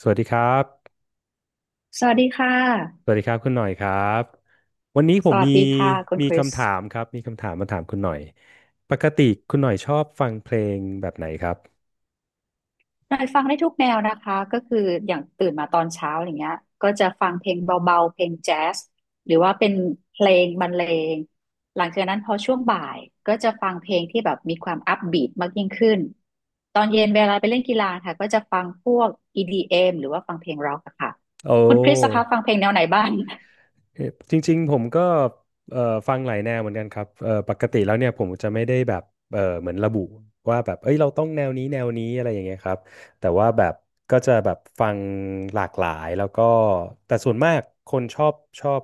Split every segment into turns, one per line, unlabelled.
สวัสดีครับ
สวัสดีค่ะ
สวัสดีครับคุณหน่อยครับ วันนี้ผ
ส
ม
วั
มี
สดีค่ะคุณคริส
คำถามครับ มีคำถามมาถามคุณหน่อย ปกติคุณหน่อยชอบฟังเพลงแบบไหนครับ
หน่อยฟังได้ทุกแนวนะคะก็คืออย่างตื่นมาตอนเช้าอย่างเงี้ยก็จะฟังเพลงเบาๆเพลงแจ๊สหรือว่าเป็นเพลงบรรเลงหลังจากนั้นพอช่วงบ่ายก็จะฟังเพลงที่แบบมีความอัพบีทมากยิ่งขึ้น ตอนเย็นเวลาไปเล่นกีฬาค่ะก็จะฟังพวก EDM หรือว่าฟังเพลงร็อกอะค่ะ
โอ้
คุณคริสคะฟังเพลงแนวไหนบ้าง
เอ่อจริงๆผมก็เอ่อฟังหลายแนวเหมือนกันครับปกติแล้วเนี่ยผมจะไม่ได้แบบเหมือนระบุว่าแบบเอ้ยเราต้องแนวนี้แนวนี้อะไรอย่างเงี้ยครับแต่ว่าแบบก็จะแบบฟังหลากหลายแล้วก็แต่ส่วนมากคนชอบ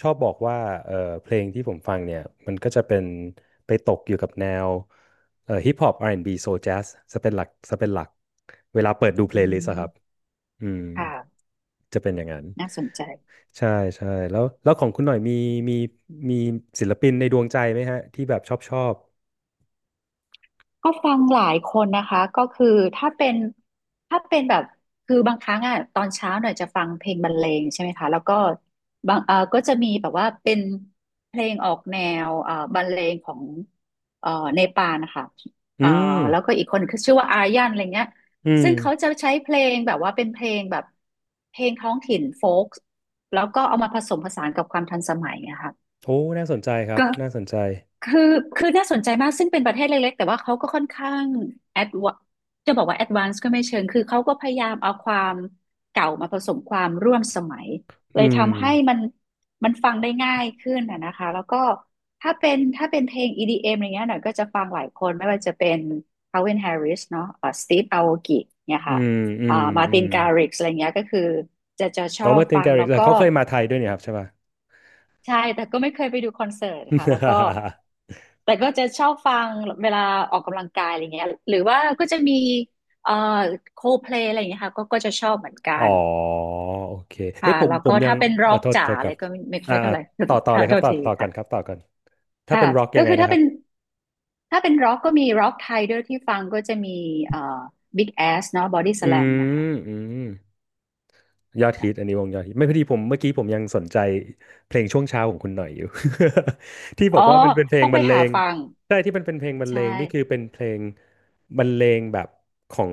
ชอบบอกว่าเอ่อเพลงที่ผมฟังเนี่ยมันก็จะเป็นไปตกอยู่กับแนวฮิปฮอป R&B โซ l แจ๊สจะเป็นหลักเวลาเปิดดูเพ
อื
ลย์ลิสต์อะครับ
ม
อืม
ค่ะ
จะเป็นอย่างนั้น
น่าสนใจ
ใช่ใช่แล้วของคุณหน่อยมีมีศิลปินในดวงใจไหมฮะที่แบบชอบ
ก็ฟังหลายคนนะคะก็คือถ้าเป็นถ้าเป็นแบบคือบางครั้งอ่ะตอนเช้าหน่อยจะฟังเพลงบรรเลงใช่ไหมคะแล้วก็บางก็จะมีแบบว่าเป็นเพลงออกแนวบรรเลงของเออเนปาลนะคะเอ
อื
อ
ม
แล้วก็อีกคนคือชื่อว่าอายันอะไรเงี้ย
อืม
ซึ่งเขาจะใช้เพลงแบบว่าเป็นเพลงแบบเพลงท้องถิ่นโฟล์กแล้วก็เอามาผสมผสานกับความทันสมัยนะคะ
โอ้น่าสนใจครับ
ก็
น่าสนใจ
คือคือน่าสนใจมากซึ่งเป็นประเทศเล็กๆแต่ว่าเขาก็ค่อนข้างแอดวจะบอกว่าแอดวานซ์ก็ไม่เชิงคือเขาก็พยายามเอาความเก่ามาผสมความร่วมสมัยเล
อื
ย
ม
ทำให้มันฟังได้ง่ายขึ้นนะคะแล้วก็ถ้าเป็นเพลง EDM อมอะไรเงี้ยหน่อยก็จะฟังหลายคนไม่ว่าจะเป็น Calvin Harris เนาะSteve Aoki เนี่ย
อื
ค่ะ
มอืม
มา
อื
ติ
ม
นการิกอะไรเงี้ยก็คือจะช
อ๋
อ
อ
บ
มาร์ติน
ฟั
แก
ง
ริ
แล้
ก
ว
เลย
ก็
เขาเคยมาไทยด้วยเนี่ยครับใช่ป่ะ
ใช่แต่ก็ไม่เคยไปดูคอนเสิร์ตค่ะแล้วก็ แต่ก็จะชอบฟังเวลาออกกำลังกายอะไรเงี้ยหรือว่าก็จะมีเอ่อโคเพลอะไรอย่างเงี้ยค่ะก็จะชอบเหมือนกั
อ๋อ
น
โอเคเฮ้
ค่ะ
ยผม
แล้ว
ผ
ก็
มยั
ถ้า
ง
เป็นร็
เอ
อ
อ
กจ๋า
โทษ
อะ
ค
ไร
รับ
ก็ไม่ค่อยเท่า
อ่า
ไหร่
ต่ อเล
ค่ะ
ยค
โท
รับ
ษที
ต่อก่อนครับ
ค่ะ
ต่อก่อนถ้า
ค่ะ
เป็นร็อกยั
ก็
งไง
คือ
นะ
ถ้า
ครั
เป็
บ
นถ้าเป็นร็อกก็มีร็อกไทยด้วยที่ฟังก็จะมีเอ่อบิ๊กแอสเนาะบอดี้ส
อื
แลมเนี่ยค่ะ
มอืม ยอดฮิต
ค่ะ
อันนี้วงยอดฮิตไม่พอดีผมเมื่อกี้ผมยังสนใจเพลงช่วงเช้าของคุณหน่อยอยู่ ที่บ
อ๋
อ
อ
กว่ามันเป็นเพล
ต้
ง
อง
บ
ไป
รรเล
หา
ง
ฟัง
ใช่ที่มันเป็นเพลงบรรเล
ใช่
งนี่คือเป็นเพลงบรรเลงแบบของ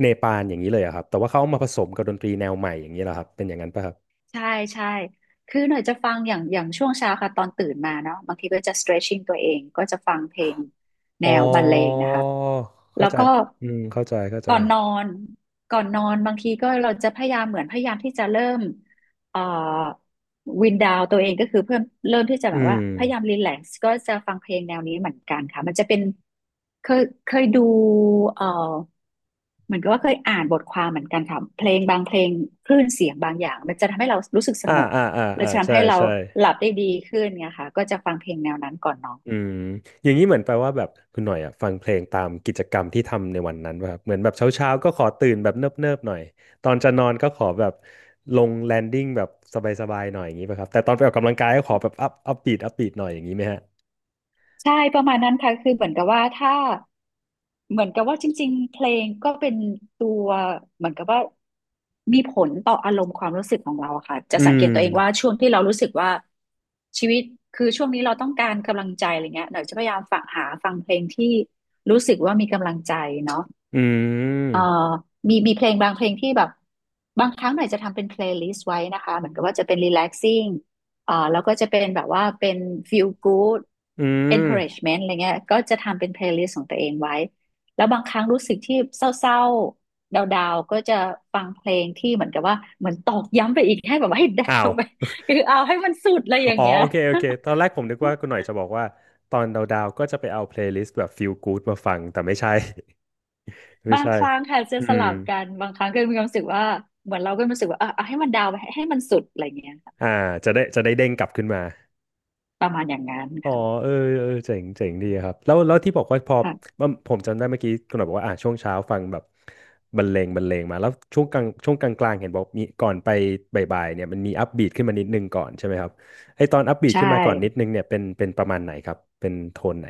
เนปาลอย่างนี้เลยอะครับแต่ว่าเขาเอามาผสมกับดนตรีแนวใหม่อย่างนี้เหรอครับเป็นอย่างนั้นป่ะครับ
ใช่ใช่คือหน่อยจะฟังอย่างช่วงเช้าค่ะตอนตื่นมาเนาะบางทีก็จะ stretching ตัวเองก็จะฟังเพลงแน
อ๋อ
วบรรเลงนะคะแล้
เข้า
ว
ใจ
ก็
อืมเข้าใจ
ก่อนนอนก่อนนอนบางทีก็เราจะพยายามเหมือนพยายามที่จะเริ่ม เอ่อวินดาวตัวเองก็คือเริ่มที่จะแบบ
อืม
ว่าพยายามรีแลกซ์ก็จะฟังเพลงแนวนี้เหมือนกันค่ะมันจะเป็นเคยดูเอ่อเหมือนกับว่าเคยอ่านบทความเหมือนกันค่ะเพลงบางเพลงคลื่นเสียงบางอย่างมันจะทำให้เรารู้สึกส
อ่า
งบ
อ่าอ่า
แล้
อ่า
จะทำ
ใช่
ให้เรา
ใช่
หลับได้ดีขึ้นไงค่ะก็จะฟังเพลงแนวนั้นก่อนนอน
อืมอย่างนี้เหมือนแปลว่าแบบคุณหน่อยอ่ะฟังเพลงตามกิจกรรมที่ทำในวันนั้นป่ะครับเหมือนแบบเช้าๆก็ขอตื่นแบบเนิบๆหน่อยตอนจะนอนก็ขอแบบลงแลนดิ้งแบบสบายๆหน่อยอย่างนี้ป่ะครับแต่ตอนไปออกกำลังกายก็ขอแบบอัพบีทหน่อยอย่างนี้ไหมฮะ
ใช่ประมาณนั้นค่ะคือเหมือนกับว่าถ้า เหมือนกับว่าจริงๆ เพลงก็เป็นตัวเหมือนกับว่ามีผลต่ออารมณ์ความรู้สึกของเราอะค่ะจะ
อื
สังเก
ม
ตตัวเองว่าช่วงที่เรารู้สึกว่าชีวิตคือช่วงนี้เราต้องการกำลังใจอะไรเงี้ยหน่อยจะพยายามฝังหาฟังเพลงที่รู้สึกว่ามีกำลังใจเนาะ
อื
เอ่อ
ม
มีเพลงบางเพลงที่แบบบางครั้งหน่อยจะทำเป็นเพลย์ลิสต์ไว้นะคะเหมือนกับว่าจะเป็น relaxing แล้วก็จะเป็นแบบว่าเป็น feel good
อืม
encouragement อะไรเงี้ยก็จะทำเป็นเพลย์ลิสต์ของตัวเองไว้แล้วบางครั้งรู้สึกที่เศร้าๆดาวๆก็จะฟังเพลงที่เหมือนกับว่าเหมือนตอกย้ำไปอีกให้แบบว่า ให้ดา
อ้า
ว
ว
ไปคือเอาให้มันสุดอะไรอ ย่า
อ๋
ง
อ
เงี้ย
โอเคตอน แรกผมนึกว่าคุณหน่อยจะบอกว่าตอนดาวๆก็จะไปเอาเพลย์ลิสต์แบบ feel good มาฟังแต่ไม่ใช่ ไม่
บาง
ใช่
ครั้งค่ะจะ
อื
ส
ม
ลับกันบางครั้งก็มีความรู้สึกว่าเหมือนเราก็มีความรู้สึกว่าเออเอาให้มันดาวไปให้มันสุดอะไรเงี้ย
อ่าจะได้เด้งกลับขึ้นมา
ประมาณอย่างนั้น
อ๋อ
ค่ะ
เออเออเจ๋งดีครับแล้วที่บอกว่าพอ
ค่ะ
มันผมจำได้เมื่อกี้คุณหน่อยบอกว่าอ่ะช่วงเช้าฟังแบบบรรเลงมาแล้วช่วงกลางกลางเห็นบอกมีก่อนไปบ่ายๆเนี่ยมันมีอัพบีทขึ้นมานิดนึงก่อนใช่ไหมครับไอตอนอัพบีท
ใช่
ขึ้นมาก่อนนิดนึงเนี่ยเป็นประมาณไหนครับเป็นโทนไหน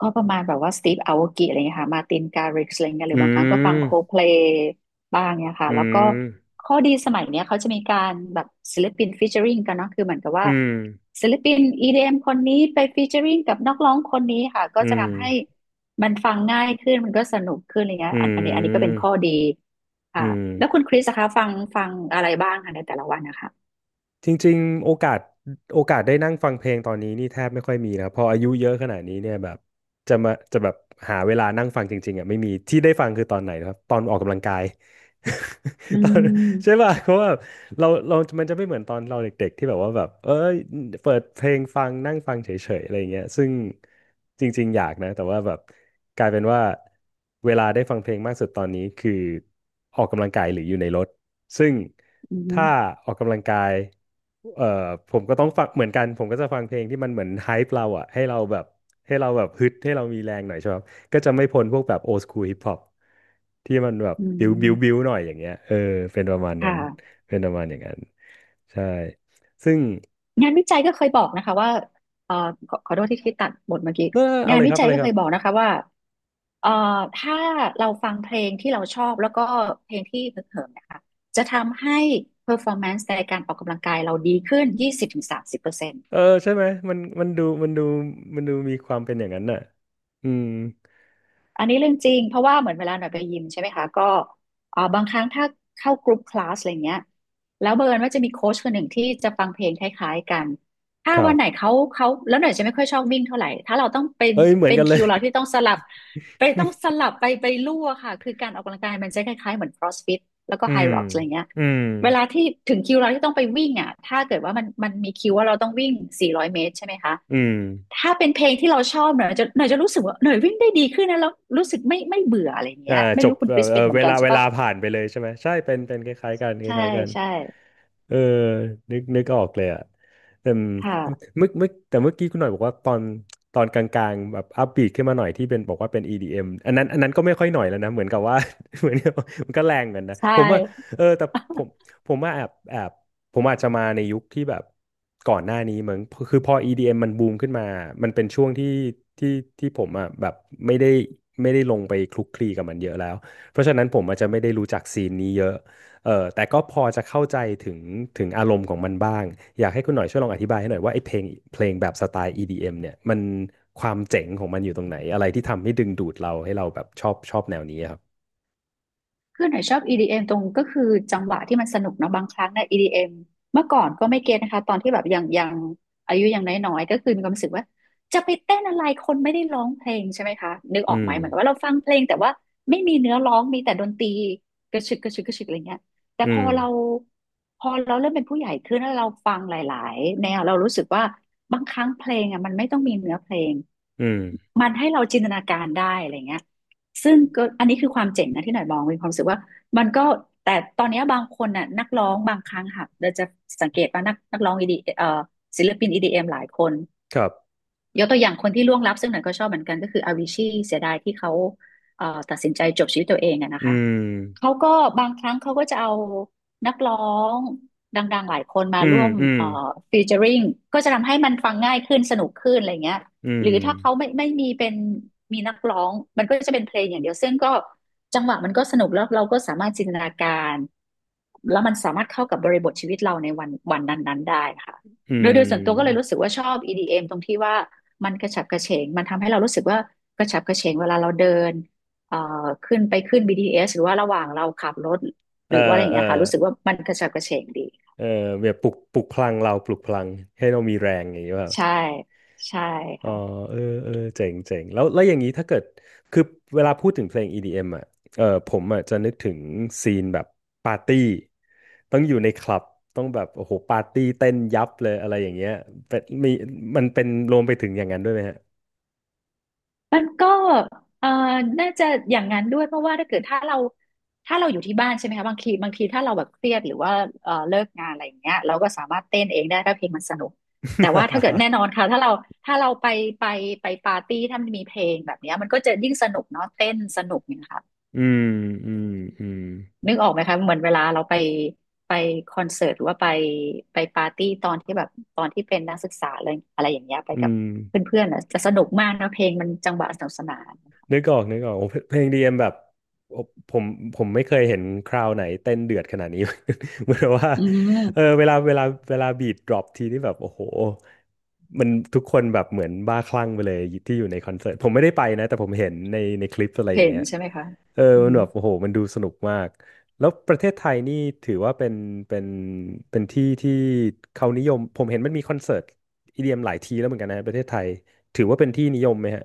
ก็ประมาณแบบว่าสตีฟอาโวกิอะไรเงี้ยค่ะมาตินการิกอะไรเงี้ยหรื
อื
อบางครั้งก็ฟังโค
ม
เพลย์บ้างเนี่ยค่ะ
อื
แล้วก็
ม
ข้อดีสมัยเนี้ยเขาจะมีการแบบศิลปินฟีเจอริงกันเนาะคือเหมือนกับว่า
อืม
ศิลปิน EDM คนนี้ไปฟีเจอริงกับนักร้องคนนี้ค่ะก็
อื
จะ
ม
ทำให้มันฟังง่ายขึ้นมันก็สนุกขึ้นอะไรเงี้ย
อื
อันนี้ก็เป็นข้
ม
อดีค่ะ
อื
แล้วคุ
ม
ณคริสคะฟังอะไรบ้างคะในแต่ละวันนะคะ
จริงๆโอกาสได้นั่งฟังเพลงตอนนี้นี่แทบไม่ค่อยมีนะพออายุเยอะขนาดนี้เนี่ยแบบจะแบบหาเวลานั่งฟังจริงๆอ่ะไม่มีที่ได้ฟังคือตอนไหนนะครับตอนออกกำลังกาย
อื
ตอนใช่
ม
ป่ะเพราะว่าเรามันจะไม่เหมือนตอนเราเด็กๆที่แบบว่าแบบเอ้ยเปิดเพลงฟังนั่งฟังเฉยๆอะไรอย่างเงี้ยซึ่งจริงๆอยากนะแต่ว่าแบบกลายเป็นว่าเวลาได้ฟังเพลงมากสุดตอนนี้คือออกกำลังกายหรืออยู่ในรถ ซึ่ง
อื
ถ้า
ม
ออกกำลังกายเอ่อผมก็ต้องฟังเหมือนกันผมก็จะฟังเพลงที่มันเหมือนไฮป์เราอะให้เราแบบให้เราแบบฮึดให้เรามีแรงหน่อยใช่ไหมครับก็จะไม่พ้นพวกแบบโอ h คูลฮิปฮอปที่มันแบบ
อื
บิวบิ
ม
วบิวหน่อยอย่างเงี้ยเออเป็นประมาณนั้น
ค่ะ
เป็นประมาณอย่างนั้นใช่ซึ่ง
งานวิจัยก็เคยบอกนะคะว่าเอ่อขอโทษที่ตัดบทเมื่อกี้
เออ
งานวิจัย
เอาเล
ก็
ยค
เค
รับ
ยบอกนะคะว่าเอ่อถ้าเราฟังเพลงที่เราชอบแล้วก็เพลงที่ฮึกเหิมนะคะจะทำให้ performance ในการออกกำลังกายเราดีขึ้น20-30%ถึงสามสิบเปอร์เซ็นต์
เออใช่ไหมมันดูมีความเป็นอย่างนั้นน่ะอืม
อันนี้เรื่องจริงเพราะว่าเหมือนเวลาหน่อยไปยิมใช่ไหมคะก็บางครั้งถ้าเข้ากรุ๊ปคลาสอะไรเงี้ยแล้วบังเอิญว่าจะมีโค้ชคนหนึ่งที่จะฟังเพลงคล้ายๆกันถ้า
ครั
วัน
บ
ไหนเขาแล้วหน่อยจะไม่ค่อยชอบวิ่งเท่าไหร่ถ้าเราต้องเป็น
เอ้ยเหมือน
เป็น
กันเล
คิ
ย
วเราที่ต้องสลับไปต้องสลับไปไปลู่อะค่ะคือการออกกำลังกายมันจะคล้ายๆเหมือน CrossFit แล้วก็
อื
High
ม
Rocks อะไรเงี้ย
อืม
เวลาที่ถึงคิวเราที่ต้องไปวิ่งอ่ะ ถ้าเกิดว่ามันมีคิวว่าเราต้องวิ่ง400เมตรใช่ไหมคะ
อืม
ถ้าเป็นเพลงที่เราชอบหน่อยจะรู้สึกว่าหน่อยวิ่งได้ดีขึ้นนะแล้วรู้สึกไม่เบื่ออะไรอย่าง
อ่า
เงี้ย ไม่
จบ
รู้คุณ
เอ
ค
อ
ริส
เอ
เป็
อ
นเหมือนกันใช่
เว
ปะ
ลาผ่านไปเลยใช่ไหมใช่เป็นเป็นคล้ายๆกันค
ใช่
ล้ายๆกัน
ใช่
เออนึกออกเลยอ่ะแต่
ค่ะ
เมื่อเมื่อแต่เมื่อกี้คุณหน่อยบอกว่าตอนกลางๆแบบอัพบีทขึ้นมาหน่อยที่เป็นบอกว่าเป็น EDM อมอันนั้นก็ไม่ค่อยหน่อยแล้วนะเหมือนกับว่า เหมือนกับมันก็แรงเหมือนกันนะ
ใช
ผมว่า
่
เออแต่ผมผมว่าแอบผมอาจจะมาในยุคที่แบบก่อนหน้านี้เหมือนคือพอ EDM มมันบูมขึ้นมามันเป็นช่วงที่ที่ผมอ่ะแบบไม่ได้ไม่ได้ลงไปคลุกคลีกับมันเยอะแล้วเพราะฉะนั้นผมอาจจะไม่ได้รู้จักซีนนี้เยอะ เออแต่ก็พอจะเข้าใจถึงถึงอารมณ์ของมันบ้างอยากให้คุณหน่อยช่วยลองอธิบายให้หน่อยว่าไอ้เพลงเพลงแบบสไตล์ EDM เอ็มเนี่ยมันความเจ๋งของมันอยู่ตรงไหนอะไรที่ทำให้ดึงดูดเราให้เราแบบชอบชอบแนวนี้ครับ
คือหน่อยชอบ EDM ตรงก็คือจังหวะที่มันสนุกเนาะบางครั้งเนี่ย EDM เอ็มเมื่อก่อนก็ไม่เก็ตนะคะตอนที่แบบยังอายุยังน้อยๆก็คือมีความรู้สึกว่าจะไปเต้นอะไรคนไม่ได้ร้องเพลงใช่ไหมคะนึกออ
อื
กไห
ม
มเหมือนกับว่าเราฟังเพลงแต่ว่าไม่มีเนื้อร้องมีแต่ดนตรีกระชึกกระชึกกระชึกอะไรเงี้ยแต่
อื
พอ
ม
เราเริ่มเป็นผู้ใหญ่ขึ้นแล้วเราฟังหลายๆแนวเรารู้สึกว่าบางครั้งเพลงอ่ะมันไม่ต้องมีเนื้อเพลง
อืม
มันให้เราจินตนาการได้อะไรเงี้ย ซึ่งก็อันนี้คือความเจ๋งนะที่หน่อยมองมีความรู้สึกว่ามันก็แต่ตอนเนี้ยบางคนน่ะนักร้องบางครั้งค่ะเราจะสังเกตว่านักร้องอีดีศิลปิน EDM หลายคน
ครับ
ยกตัวอย่างคนที่ล่วงลับซึ่งหน่อยก็ชอบเหมือนกันก็คืออาวิชีเสียดายที่เขาตัดสินใจจบชีวิตตัวเองอะนะ
อื
คะ
ม
เขาก็บางครั้งเขาก็จะเอานักร้องดังๆหลายคนมา
อื
ร่
ม
วม
อืม
ฟีเจอริงก็จะทำให้มันฟังง่ายขึ้นสนุกขึ้นอะไรเงี้ย
อื
ห
ม
รือถ้าเขาไม่มีเป็นมีนักร้องมันก็จะเป็นเพลงอย่างเดียวซึ่งก็จังหวะมันก็สนุกแล้วเราก็สามารถจินตนาการแล้วมันสามารถเข้ากับบริบทชีวิตเราในวันวันนั้นๆได้ค่ะ
อื
โดยส่วนตัวก็เลย
ม
รู้สึกว่าชอบ EDM ตรงที่ว่ามันกระฉับกระเฉงมันทำให้เรารู้สึกว่ากระฉับกระเฉงเวลาเราเดิน เอ่อขึ้นไปขึ้น BTS หรือว่าระหว่างเราขับรถห
เอ
รื
อ
อว่าอะไรอย่าง
เออ
เงี้ยค่ะรู้สึกว่ามันกระฉับกระเฉงดี
เออแบบปลุกพลังเราปลุกพลังให้เรามีแรงอย่างนี้ว่า
ใช่ใช่
อ๋อ
ค่ะ
เออเออเจ๋งเจ๋งแล้วแล้วอย่างนี้ถ้าเกิดคือเวลาพูดถึงเพลง EDM อมอ่ะเออผมอ่ะจะนึกถึงซีนแบบปาร์ตี้ต้องอยู่ในคลับต้องแบบโอ้โหปาร์ตี้เต้นยับเลยอะไรอย่างเงี้ยเป็นมีมันเป็นรวมไปถึงอย่างนั้นด้วยไหมฮะ
มันก็เอ่อน่าจะอย่างนั้นด้วยเพราะว่าถ้าเกิดถ้าเราอยู่ที่บ้านใช่ไหมคะบางทีถ้าเราแบบเครียดหรือว่าเลิกงานอะไรอย่างเงี้ยเราก็สามารถเต้นเองได้ถ้าเพลงมันสนุกแต่ว่าถ้าเกิดแน่นอน ค่ะถ้าเราถ้าเราไปไปปาร์ตี้ถ้ามันมีเพลงแบบเนี้ยมันก็จะยิ่งสนุกเนาะเต้นสนุกเนี่ยค่ะ
อืมอืมอืม
นึกออกไหมคะเหมือนเวลาเราไปไปคอนเสิร์ตหรือว่าไปปาร์ตี้ตอนที่แบบตอนที่เป็นนักศึกษาอะไรอะไรอย่างเงี้ยไป
อื
กับ
ม
เพื่อนๆอ่ะจะสนุกมากนะเพลงมันจังหวะสนุกสนาน
นึกออกนึกออกโอ้เพเพลงดีเอ็มแบบโอ้ผมผมไม่เคยเห็นคราวไหนเต้นเดือดขนาดนี้ เหมือนว่า
อื
เออ
ม
เวลาเวลาเวลาบีทดรอปทีนี่แบบโอ้โหมันทุกคนแบบเหมือนบ้าคลั่งไปเลยที่อยู่ในคอนเสิร์ตผมไม่ได้ไปนะแต่ผมเห็นในในคลิปอะไรอ
เห็
ย่าง
น
เงี้ย
ใช่ไหมคะ
เออ
อื
มั
ม
นแบบโอ้โหมันดูสนุกมากแล้วประเทศไทยนี่ถือว่าเป็นเป็นเป็นที่ที่เขานิยมผมเห็นมันมีคอนเสิร์ตอีเดียมหลายทีแล้วเหมือนกันนะประเทศไทยถือว่าเป็นที่นิยมไหมฮะ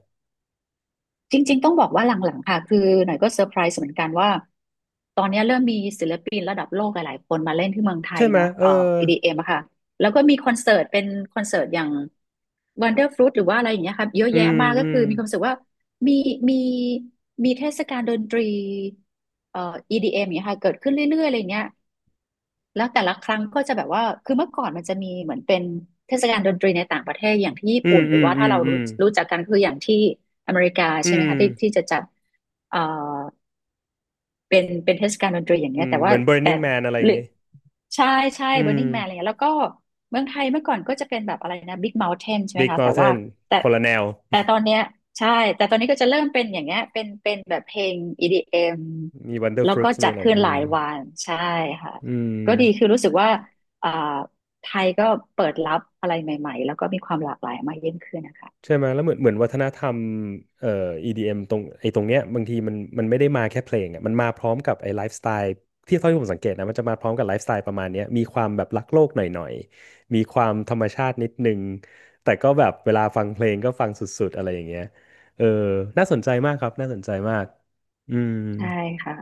จริงๆ ต้องบอกว่าหลังๆ ค่ะ คือหน่อยก็เซอร์ไพรส์เหมือนกันว่าตอนนี้เริ่มมีศิลปินระดับโลกหลายๆคนมาเล่นที่เมืองไทย
ใช่ไหม
เนาะ
เออ
EDM อมอะค่ะ แล้วก็มีคอนเสิร์ตเป็นคอนเสิร์ตอย่าง Wonderfruit หรือว่าอะไรอย่างเงี้ยค่ะ เยอะ
อื
แยะ
ม
มากก็
อืม
คือมีความรู้สึกว่ามีมีมีเทศกาลดนตรีเอ่อ EDM อมอย่างเงี้ยค่ะเกิดขึ้นเรื่อยๆอะไรเงี้ย แล้วแต่ละครั้งก็จะแบบว่าคือเมื่อก่อนมันจะมีเหมือนเป็นเทศกาลดนตรีในต่างประเทศอย่างที่ญี่
อื
ปุ่
ม
นห
อื
รือ
ม
ว่า
อื
ถ้า
ม
เรา
อืม
รู้จักกันคืออย่างที่อเมริกา
อื
ใช่ไหม
ม
คะที่ที่จะจัดเอ่อเป็นเป็นเทศกาลดนตรีอย่าง
อื
เงี้ย
ม
แต่
เห
ว่า
มือน
แต่
Burning Man อะไรอ
ห
ย่า
รื
ง
อ
งี้
ใช่ใช่
อืม
Burning Man อะไรเงี้ยแล้วก็เมืองไทยเมื่อก่อนก็จะเป็นแบบอะไรนะ Big Mountain ใช่ไหม
Big
คะแต่ว่า
Mountain
แต่
คนละแนว
แต่ตอนเนี้ยใช่แต่ตอนนี้ก็จะเริ่มเป็นอย่างเงี้ยเป็นเป็นแบบเพลง EDM
มี Wonder
แล้วก็
Fruits มี
จัด
อะไร
ขึ้น
อื
หลา
ม
ยวันใช่ค่ะ
อื
ก็ดี
ม
คือรู้สึกว่าอ่าไทยก็เปิดรับอะไรใหม่ๆแล้วก็มีความหลากหลายมากยิ่งขึ้นนะคะ
ใช่ไหมแล้วเหมือนเหมือนวัฒนธรรมเอ่อ EDM ตรงไอ้ตรงเนี้ยบางทีมันมันไม่ได้มาแค่เพลงอ่ะมันมาพร้อมกับไอ้ไลฟ์สไตล์ที่เท่าที่ผมสังเกตนะมันจะมาพร้อมกับไลฟ์สไตล์ประมาณเนี้ยมีความแบบรักโลกหน่อยๆมีความธรรมชาตินิดนึงแต่ก็แบบเวลาฟังเพลงก็ฟังสุดๆอะไรอย่างเงี้ยเออน่าสนใจมากครับน่าสนใจมากอืม
ใช่ค่ะ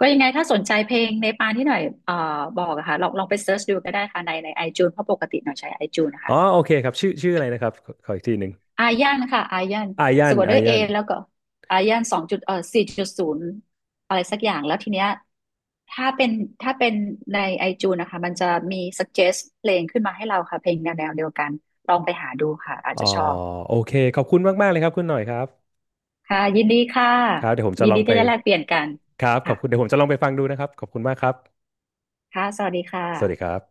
ก็ยังไงถ้าสนใจเพลงในปานที่หน่อยบอกอะค่ะลองไปเซิร์ชดูก็ได้ค่ะใน iTunes เพราะปกติหน่อยใช้ iTunes นะ
อ๋อ
คะ
โอเคครับชื่อชื่ออะไรนะครับขอขออีกทีหนึ่ง
อายันค่ะอายัน
อายั
สะ
น
กดด้
อา
วยเอ
ยัน
แล้วก็อายันสองจุดสี่จุดศูนย์อะไรสักอย่างแล้วทีเนี้ยถ้าเป็นถ้าเป็นในไอจูนนะคะมันจะมี suggest เพลงขึ้นมาให้เราค่ะเพลงแนวเดียวกันลองไปหาดูค่ะอาจ
อ๋อ
จะชอบ
โอเคขอบคุณมากๆเลยครับคุณหน่อยครับ
ค่ะยินดีค่ะ
ครับเดี๋ยวผมจะ
ยิน
ลอ
ดี
งไป
ที่ได้แลกเปลี่ยนกัน
ครับขอ
ค่ะ
บคุณเดี๋ยวผมจะลองไปฟังดูนะครับขอบคุณมากครับ
ค่ะสวัสดีค
สวัสดีค
่ะ
รับ